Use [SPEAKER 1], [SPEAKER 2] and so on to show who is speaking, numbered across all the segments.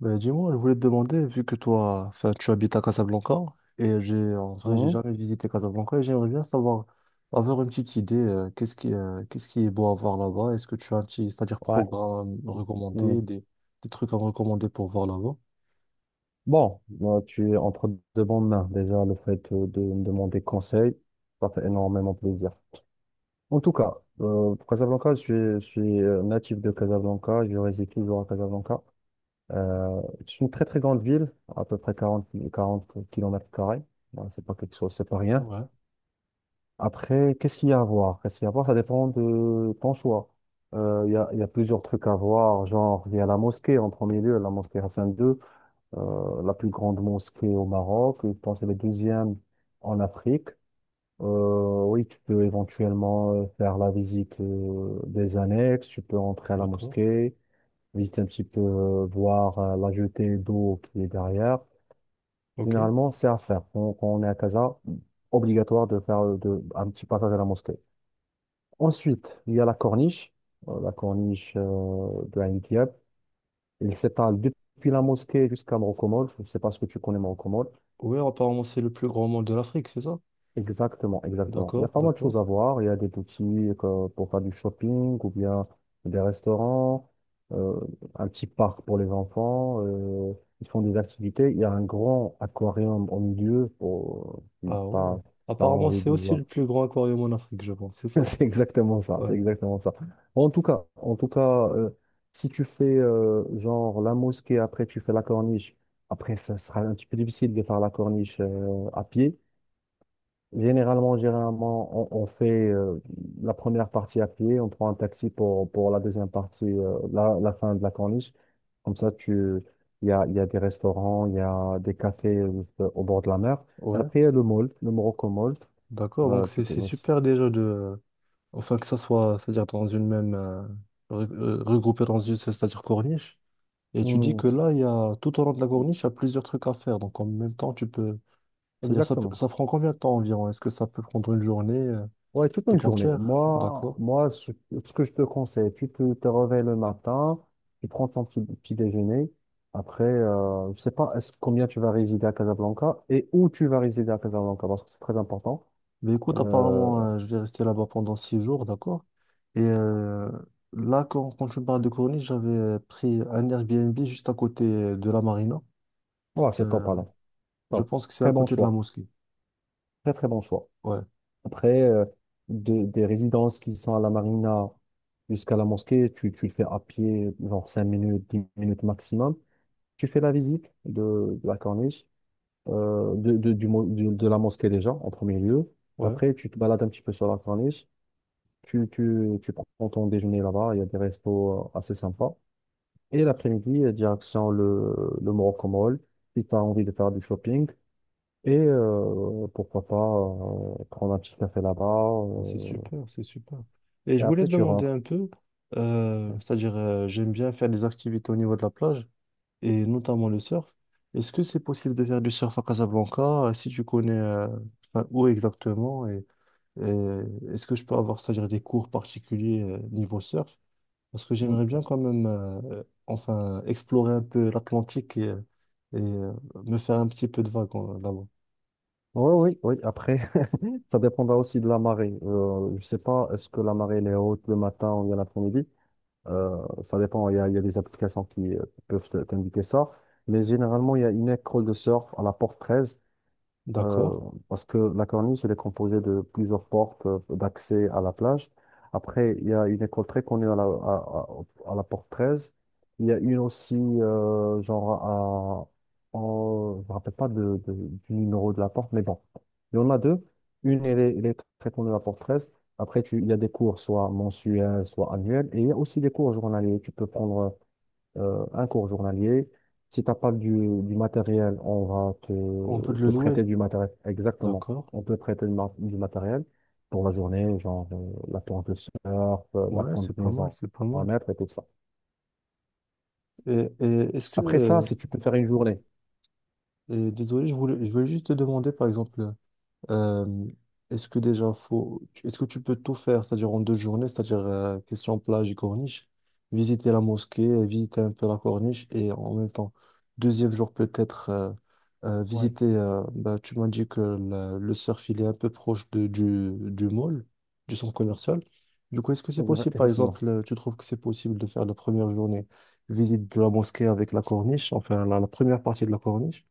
[SPEAKER 1] Ben, dis-moi, je voulais te demander, vu que toi, enfin, tu habites à Casablanca, et j'ai, en vrai, j'ai
[SPEAKER 2] Mhm.
[SPEAKER 1] jamais visité Casablanca, et j'aimerais bien savoir, avoir une petite idée, qu'est-ce qui est beau à voir là-bas? Est-ce que tu as un petit, c'est-à-dire
[SPEAKER 2] Ouais.
[SPEAKER 1] programme recommandé,
[SPEAKER 2] Mhm.
[SPEAKER 1] des trucs à me recommander pour voir là-bas?
[SPEAKER 2] Bon, moi, tu es entre de bonnes mains. Déjà, le fait de me demander conseil, ça fait énormément plaisir. En tout cas, pour Casablanca, je suis natif de Casablanca. Je réside toujours à Casablanca. Euh, c'est une très, très grande ville, à peu près 40, 40 kilomètres carrés. Ouais, c'est pas quelque chose, c'est pas rien.
[SPEAKER 1] Ouais,
[SPEAKER 2] Après, qu'est-ce qu'il y a à voir? Qu'est-ce qu'il y a à voir? Ça dépend de ton choix. Il y a plusieurs trucs à voir, genre, il y a la mosquée en premier lieu, la mosquée Hassan II. La plus grande mosquée au Maroc. Je pense que c'est la deuxième en Afrique. Oui, tu peux éventuellement faire la visite des annexes, tu peux entrer à la
[SPEAKER 1] d'accord.
[SPEAKER 2] mosquée, visiter un petit peu, voir la jetée d'eau qui est derrière.
[SPEAKER 1] Ok.
[SPEAKER 2] Généralement, c'est à faire. Quand on est à Casa, obligatoire de faire un petit passage à la mosquée. Ensuite, il y a la corniche de Ain Diab. Elle s'étale depuis la mosquée jusqu'à Morcomol. Je ne sais pas ce que tu connais Morcomol.
[SPEAKER 1] Oui, apparemment, c'est le plus grand mall de l'Afrique, c'est ça?
[SPEAKER 2] Exactement, exactement. Il y a
[SPEAKER 1] D'accord,
[SPEAKER 2] pas mal de
[SPEAKER 1] d'accord.
[SPEAKER 2] choses à voir. Il y a des boutiques pour faire du shopping ou bien des restaurants, euh, un petit parc pour les enfants. Ils font des activités. Il y a un grand aquarium au milieu pour si
[SPEAKER 1] Ah
[SPEAKER 2] t'as
[SPEAKER 1] ouais.
[SPEAKER 2] si t'as
[SPEAKER 1] Apparemment,
[SPEAKER 2] envie
[SPEAKER 1] c'est
[SPEAKER 2] de
[SPEAKER 1] aussi
[SPEAKER 2] voir.
[SPEAKER 1] le plus grand aquarium en Afrique, je pense, c'est ça?
[SPEAKER 2] C'est exactement ça.
[SPEAKER 1] Ouais.
[SPEAKER 2] C'est exactement ça. En tout cas, euh, si tu fais genre la mosquée après tu fais la corniche. Après, ça sera un petit peu difficile de faire la corniche à pied. Généralement, généralement, on fait la première partie à pied, on prend un taxi pour la deuxième partie, la fin de la corniche. Comme ça, il y a des restaurants, il y a des cafés au bord de la mer. Et
[SPEAKER 1] Ouais,
[SPEAKER 2] après, il y a le mall, le Morocco Mall.
[SPEAKER 1] d'accord. Donc,
[SPEAKER 2] Tu
[SPEAKER 1] c'est
[SPEAKER 2] peux...
[SPEAKER 1] c'est super déjà de. Enfin, que ça soit, c'est-à-dire dans une même, regroupé dans une, c'est-à-dire corniche. Et tu dis
[SPEAKER 2] Hmm,
[SPEAKER 1] que
[SPEAKER 2] c'est-
[SPEAKER 1] là, il y a, tout au long de la corniche, il y a plusieurs trucs à faire. Donc, en même temps, tu peux, c'est-à-dire, ça,
[SPEAKER 2] Exactement.
[SPEAKER 1] ça prend combien de temps environ? Est-ce que ça peut prendre une journée,
[SPEAKER 2] Ouais, toute une
[SPEAKER 1] tout
[SPEAKER 2] journée.
[SPEAKER 1] entière?
[SPEAKER 2] Moi,
[SPEAKER 1] D'accord.
[SPEAKER 2] moi, ce que je te conseille, tu peux te réveiller le matin, tu prends ton petit déjeuner. Après, je sais pas combien tu vas résider à Casablanca et où tu vas résider à Casablanca, parce que c'est très important.
[SPEAKER 1] Mais écoute,
[SPEAKER 2] Euh,
[SPEAKER 1] apparemment, je vais rester là-bas pendant 6 jours, d'accord? Et là, quand tu me parles de corniche, j'avais pris un Airbnb juste à côté de la marina.
[SPEAKER 2] voilà, c'est top,
[SPEAKER 1] Euh,
[SPEAKER 2] là.
[SPEAKER 1] je
[SPEAKER 2] Top.
[SPEAKER 1] pense que c'est à
[SPEAKER 2] Très bon
[SPEAKER 1] côté de la
[SPEAKER 2] choix.
[SPEAKER 1] mosquée.
[SPEAKER 2] Très, très bon choix.
[SPEAKER 1] Ouais.
[SPEAKER 2] Après, des résidences qui sont à la Marina jusqu'à la mosquée, tu le fais à pied, genre 5 minutes, 10 minutes maximum. Tu fais la visite de la corniche. De, du, mo- du- de la mosquée déjà, en premier lieu.
[SPEAKER 1] Ouais.
[SPEAKER 2] Après, tu te balades un petit peu sur la corniche, tu prends ton déjeuner là-bas, il y a des restos assez sympas. Et l'après-midi, direction le Morocco Mall, si tu as envie de faire du shopping. Et pourquoi pas prendre un petit café là-bas.
[SPEAKER 1] Ah, c'est
[SPEAKER 2] euh,
[SPEAKER 1] super, c'est super. Et je
[SPEAKER 2] et
[SPEAKER 1] voulais
[SPEAKER 2] après,
[SPEAKER 1] te
[SPEAKER 2] tu
[SPEAKER 1] demander
[SPEAKER 2] rentres.
[SPEAKER 1] un peu, c'est-à-dire j'aime bien faire des activités au niveau de la plage et notamment le surf. Est-ce que c'est possible de faire du surf à Casablanca? Si tu connais enfin, où exactement et est-ce que je peux avoir, c'est-à-dire des cours particuliers niveau surf? Parce que
[SPEAKER 2] Oui,
[SPEAKER 1] j'aimerais bien quand même enfin explorer un peu l'Atlantique et, me faire un petit peu de vague là-bas.
[SPEAKER 2] oui, oui. Après, ça dépendra aussi de la marée. Je sais pas, est-ce que la marée elle est haute le matin ou bien l'après-midi? Euh, Ça dépend. Il y a des applications qui peuvent t'indiquer ça. Mais généralement, il y a une école de surf à la porte 13.
[SPEAKER 1] D'accord.
[SPEAKER 2] euh, Parce que la corniche, elle est composée de plusieurs portes d'accès à la plage. Après, il y a une école très connue à la porte 13. Il y a une aussi, genre, je me rappelle pas du numéro de la porte, mais bon, il y en a deux. Une, elle est très connue à la porte 13. Après, il y a des cours, soit mensuels, soit annuels. Et il y a aussi des cours journaliers. Tu peux prendre un cours journalier. Si tu n'as pas du matériel, on va
[SPEAKER 1] On peut
[SPEAKER 2] te,
[SPEAKER 1] te le
[SPEAKER 2] te
[SPEAKER 1] louer.
[SPEAKER 2] prêter du matériel. Exactement.
[SPEAKER 1] D'accord.
[SPEAKER 2] On peut prêter du matériel pour la journée, genre la tente de surf, la
[SPEAKER 1] Ouais, c'est pas mal,
[SPEAKER 2] combinaison
[SPEAKER 1] c'est pas
[SPEAKER 2] à
[SPEAKER 1] mal.
[SPEAKER 2] mettre et tout ça.
[SPEAKER 1] Et est-ce que,
[SPEAKER 2] Après ça, si tu peux faire une journée,
[SPEAKER 1] et désolé, je voulais juste te demander, par exemple, Euh, est-ce que déjà est-ce que tu peux tout faire, c'est-à-dire en deux journées, c'est-à-dire question plage et corniche, visiter la mosquée, visiter un peu la corniche et en même temps, deuxième jour peut-être
[SPEAKER 2] Ouais.
[SPEAKER 1] visiter. Bah, tu m'as dit que le surf il est un peu proche de, du mall, du centre commercial. Du coup, est-ce que c'est possible, par
[SPEAKER 2] Effectivement.
[SPEAKER 1] exemple, tu trouves que c'est possible de faire la première journée visite de la mosquée avec la corniche, enfin la première partie de la corniche?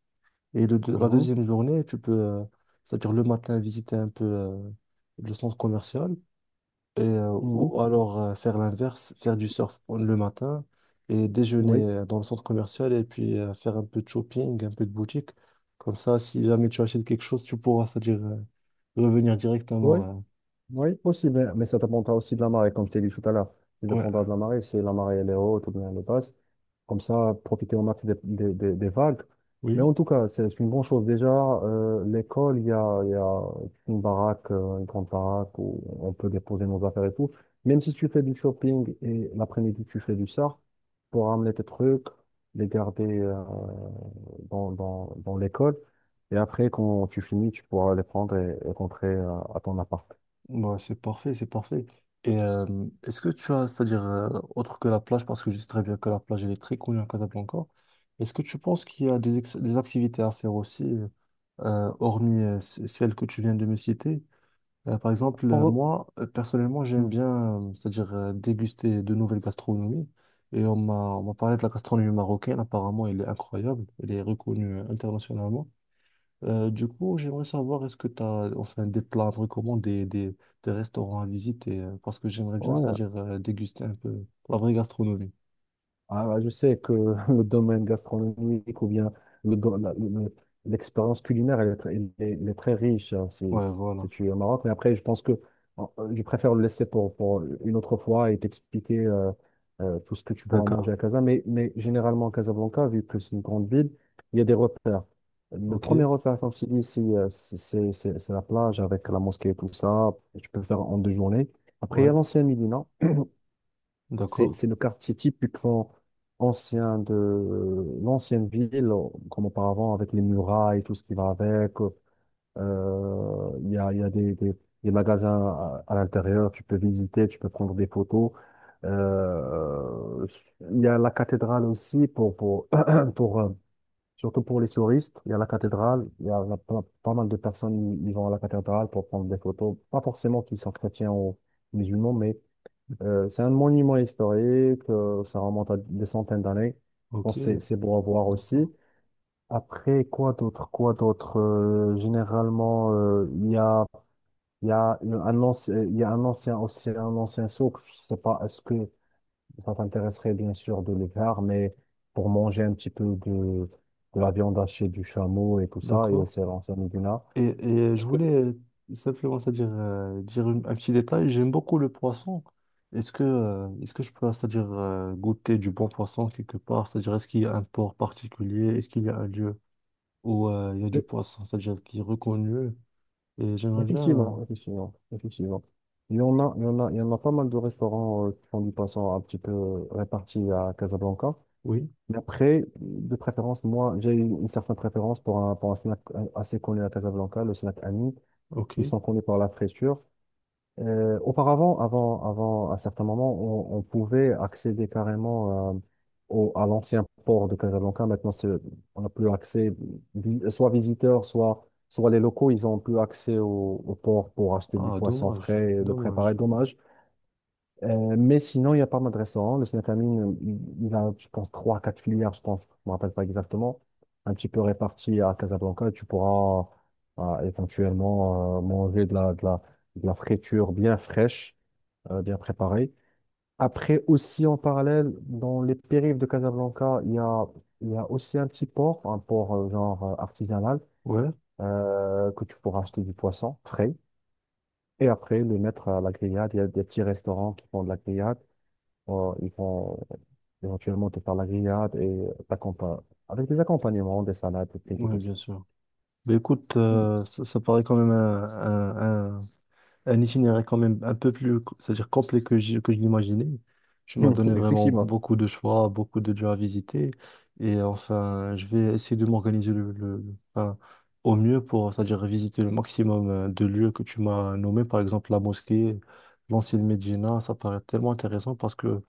[SPEAKER 1] Et la
[SPEAKER 2] Mhm.
[SPEAKER 1] deuxième journée, tu peux, c'est-à-dire le matin, visiter un peu le centre commercial et,
[SPEAKER 2] Mhm.
[SPEAKER 1] ou alors faire l'inverse, faire du surf le matin et déjeuner
[SPEAKER 2] Oui.
[SPEAKER 1] dans le centre commercial et puis faire un peu de shopping, un peu de boutique. Comme ça, si jamais tu achètes quelque chose, tu pourras, c'est-à-dire revenir
[SPEAKER 2] Oui,
[SPEAKER 1] directement.
[SPEAKER 2] oui, possible. Mais ça dépendra aussi de la marée, comme je t'ai dit tout à l'heure. Ça
[SPEAKER 1] Ouais.
[SPEAKER 2] dépendra de la marée. Si la marée elle est haute ou bien elle est basse, comme ça, profiter au max des vagues. Mais
[SPEAKER 1] Oui.
[SPEAKER 2] en tout cas, c'est une bonne chose. Déjà, l'école, il y a une grande baraque où on peut déposer nos affaires et tout. Même si tu fais du shopping et l'après-midi, tu fais du surf, pour ramener tes trucs, les garder dans l'école. Et après, quand tu finis, tu pourras les prendre et rentrer à ton appart.
[SPEAKER 1] Ouais, c'est parfait, c'est parfait. Et est-ce que tu as, c'est-à-dire, autre que la plage, parce que je sais très bien que la plage elle est très connue à Casablanca, est-ce que tu penses qu'il y a des, des activités à faire aussi, hormis celles que tu viens de me citer? Par exemple,
[SPEAKER 2] Pour-
[SPEAKER 1] moi, personnellement, j'aime
[SPEAKER 2] Mm.
[SPEAKER 1] bien, c'est-à-dire, déguster de nouvelles gastronomies. Et on m'a parlé de la gastronomie marocaine, apparemment, elle est incroyable, elle est reconnue internationalement. Du coup, j'aimerais savoir, est-ce que tu as enfin, des plats à me recommander, des restaurants à visiter, parce que j'aimerais bien,
[SPEAKER 2] Ouais.
[SPEAKER 1] c'est-à-dire déguster un peu la vraie gastronomie.
[SPEAKER 2] Ah, bah, je sais que le domaine gastronomique ou bien le do- la- le- l'expérience culinaire, elle est très riche hein, si,
[SPEAKER 1] Ouais, voilà.
[SPEAKER 2] si tu es au Maroc. Mais après, je pense que euh, je préfère le laisser pour une autre fois et t'expliquer tout ce que tu pourras
[SPEAKER 1] D'accord.
[SPEAKER 2] manger à Casa. Mais généralement, Casablanca, vu que c'est une grande ville, il y a des repères. Le
[SPEAKER 1] Ok.
[SPEAKER 2] premier repère, comme tu dis, c'est la plage avec la mosquée et tout ça. Tu peux le faire en 2 journées. Après, il y a
[SPEAKER 1] Ouais.
[SPEAKER 2] l'ancien Médina. C'est,
[SPEAKER 1] D'accord.
[SPEAKER 2] c'est le quartier typiquement ancien de l'ancienne ville, comme auparavant, avec les murailles, tout ce qui va avec. Il y a des magasins à l'intérieur, tu peux visiter, tu peux prendre des photos. Euh, Il y a la cathédrale aussi, pour, euh, surtout pour les touristes. Il y a la cathédrale, il y a la- pas mal de personnes qui vont à la cathédrale pour prendre des photos. Pas forcément qui sont chrétiens ou musulmans, mais c'est un monument historique, ça remonte à des centaines d'années. Je
[SPEAKER 1] Ok.
[SPEAKER 2] pense c'est beau à voir
[SPEAKER 1] D'accord.
[SPEAKER 2] aussi. Après, quoi d'autre, quoi d'autre? Généralement, il y a une- un ancien, il y a un ancien, aussi un ancien souk. Je sais pas, est-ce que ça t'intéresserait bien sûr de le faire, mais pour manger un petit peu de la viande hachée du chameau et tout ça, et
[SPEAKER 1] D'accord.
[SPEAKER 2] c'est l'ancien Médina.
[SPEAKER 1] Et je voulais simplement, c'est-à-dire dire un petit détail. J'aime beaucoup le poisson. Est-ce que je peux, c'est-à-dire goûter du bon poisson quelque part? C'est-à-dire, est-ce qu'il y a un port particulier? Est-ce qu'il y a un lieu où il y a du poisson, c'est-à-dire qui est reconnu? Et j'aimerais bien. euh,
[SPEAKER 2] Effectivement, effectivement, effectivement. Il y en a, il y en a, il y en a pas mal de restaurants qui font du poisson un petit peu répartis à Casablanca.
[SPEAKER 1] Oui,
[SPEAKER 2] Mais après, de préférence, moi, j'ai une certaine préférence pour un snack assez connu à Casablanca, le snack Ami.
[SPEAKER 1] ok.
[SPEAKER 2] Ils sont connus par la friture. Auparavant, à certains moments, on pouvait accéder carrément à l'ancien port de Casablanca. Maintenant, on n'a plus accès, soit visiteurs, soit les locaux, ils n'ont plus accès au port pour acheter du
[SPEAKER 1] Ah,
[SPEAKER 2] poisson
[SPEAKER 1] dommage,
[SPEAKER 2] frais et le préparer.
[SPEAKER 1] dommage.
[SPEAKER 2] Dommage. Mais sinon, il n'y a pas mal de restaurants. Le Snatamine, il a, je pense, trois, quatre filières, je pense, je ne me rappelle pas exactement, un petit peu réparties à Casablanca. Tu pourras éventuellement manger de la friture bien fraîche, bien préparée. Après, aussi en parallèle, dans les périphes de Casablanca, il y a aussi un petit port, un port genre artisanal,
[SPEAKER 1] Ouais,
[SPEAKER 2] que tu pourras acheter du poisson frais. Et après, le mettre à la grillade. Il y a des petits restaurants qui font de la grillade. Bon, ils vont éventuellement te faire la grillade et t'accompagner. Avec des accompagnements, des salades, des frites et
[SPEAKER 1] ouais,
[SPEAKER 2] tout ça.
[SPEAKER 1] bien sûr. Mais écoute,
[SPEAKER 2] Mm.
[SPEAKER 1] ça, ça paraît quand même un, un itinéraire quand même un peu plus, c'est-à-dire complet que je l'imaginais. Tu m'as donné vraiment
[SPEAKER 2] Effectivement.
[SPEAKER 1] beaucoup de choix, beaucoup de lieux à visiter. Et enfin, je vais essayer de m'organiser le, enfin, au mieux pour, c'est-à-dire visiter le maximum de lieux que tu m'as nommés, par exemple la mosquée, l'ancienne Médina. Ça paraît tellement intéressant parce que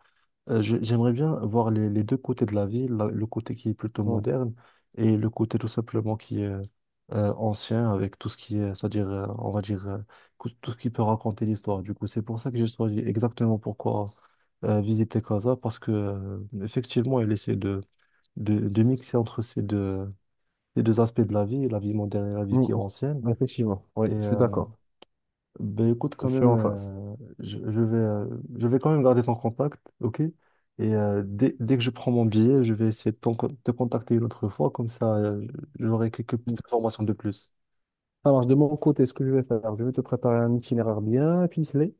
[SPEAKER 1] J'aimerais bien voir les deux côtés de la ville, le côté qui est plutôt
[SPEAKER 2] Mm,
[SPEAKER 1] moderne et le côté tout simplement qui est ancien avec tout ce qui est, c'est-à-dire, on va dire, tout ce qui peut raconter l'histoire. Du coup, c'est pour ça que j'ai choisi exactement pourquoi visiter Casa, parce que effectivement, elle essaie de mixer entre ces deux aspects de la vie moderne et la vie
[SPEAKER 2] mm,
[SPEAKER 1] qui est ancienne.
[SPEAKER 2] mm. Effectivement. Oui,
[SPEAKER 1] Et
[SPEAKER 2] je suis d'accord.
[SPEAKER 1] ben écoute,
[SPEAKER 2] Je
[SPEAKER 1] quand
[SPEAKER 2] suis
[SPEAKER 1] même,
[SPEAKER 2] en face.
[SPEAKER 1] je, je vais quand même garder ton contact, ok? Et dès que je prends mon billet, je vais essayer de te contacter une autre fois, comme ça, j'aurai quelques
[SPEAKER 2] Mm.
[SPEAKER 1] petites informations de plus.
[SPEAKER 2] Ça marche. De mon côté, ce que je vais faire, je vais te préparer un itinéraire bien ficelé.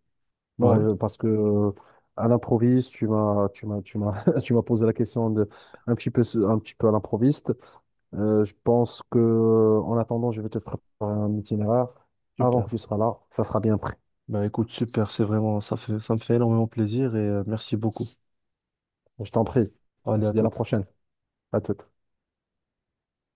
[SPEAKER 2] Bon,
[SPEAKER 1] Ouais,
[SPEAKER 2] parce que à l'improviste, tu m'as posé la question de un petit peu, un petit peu à l'improviste. Je pense que, en attendant, je vais te préparer un itinéraire. Avant
[SPEAKER 1] super.
[SPEAKER 2] que tu seras là, ça sera bien pris.
[SPEAKER 1] Ben écoute, super, c'est vraiment, ça fait, ça me fait énormément plaisir et merci beaucoup.
[SPEAKER 2] Bon, je t'en prie. On
[SPEAKER 1] Allez, à
[SPEAKER 2] se dit à la
[SPEAKER 1] toute.
[SPEAKER 2] prochaine. À toute.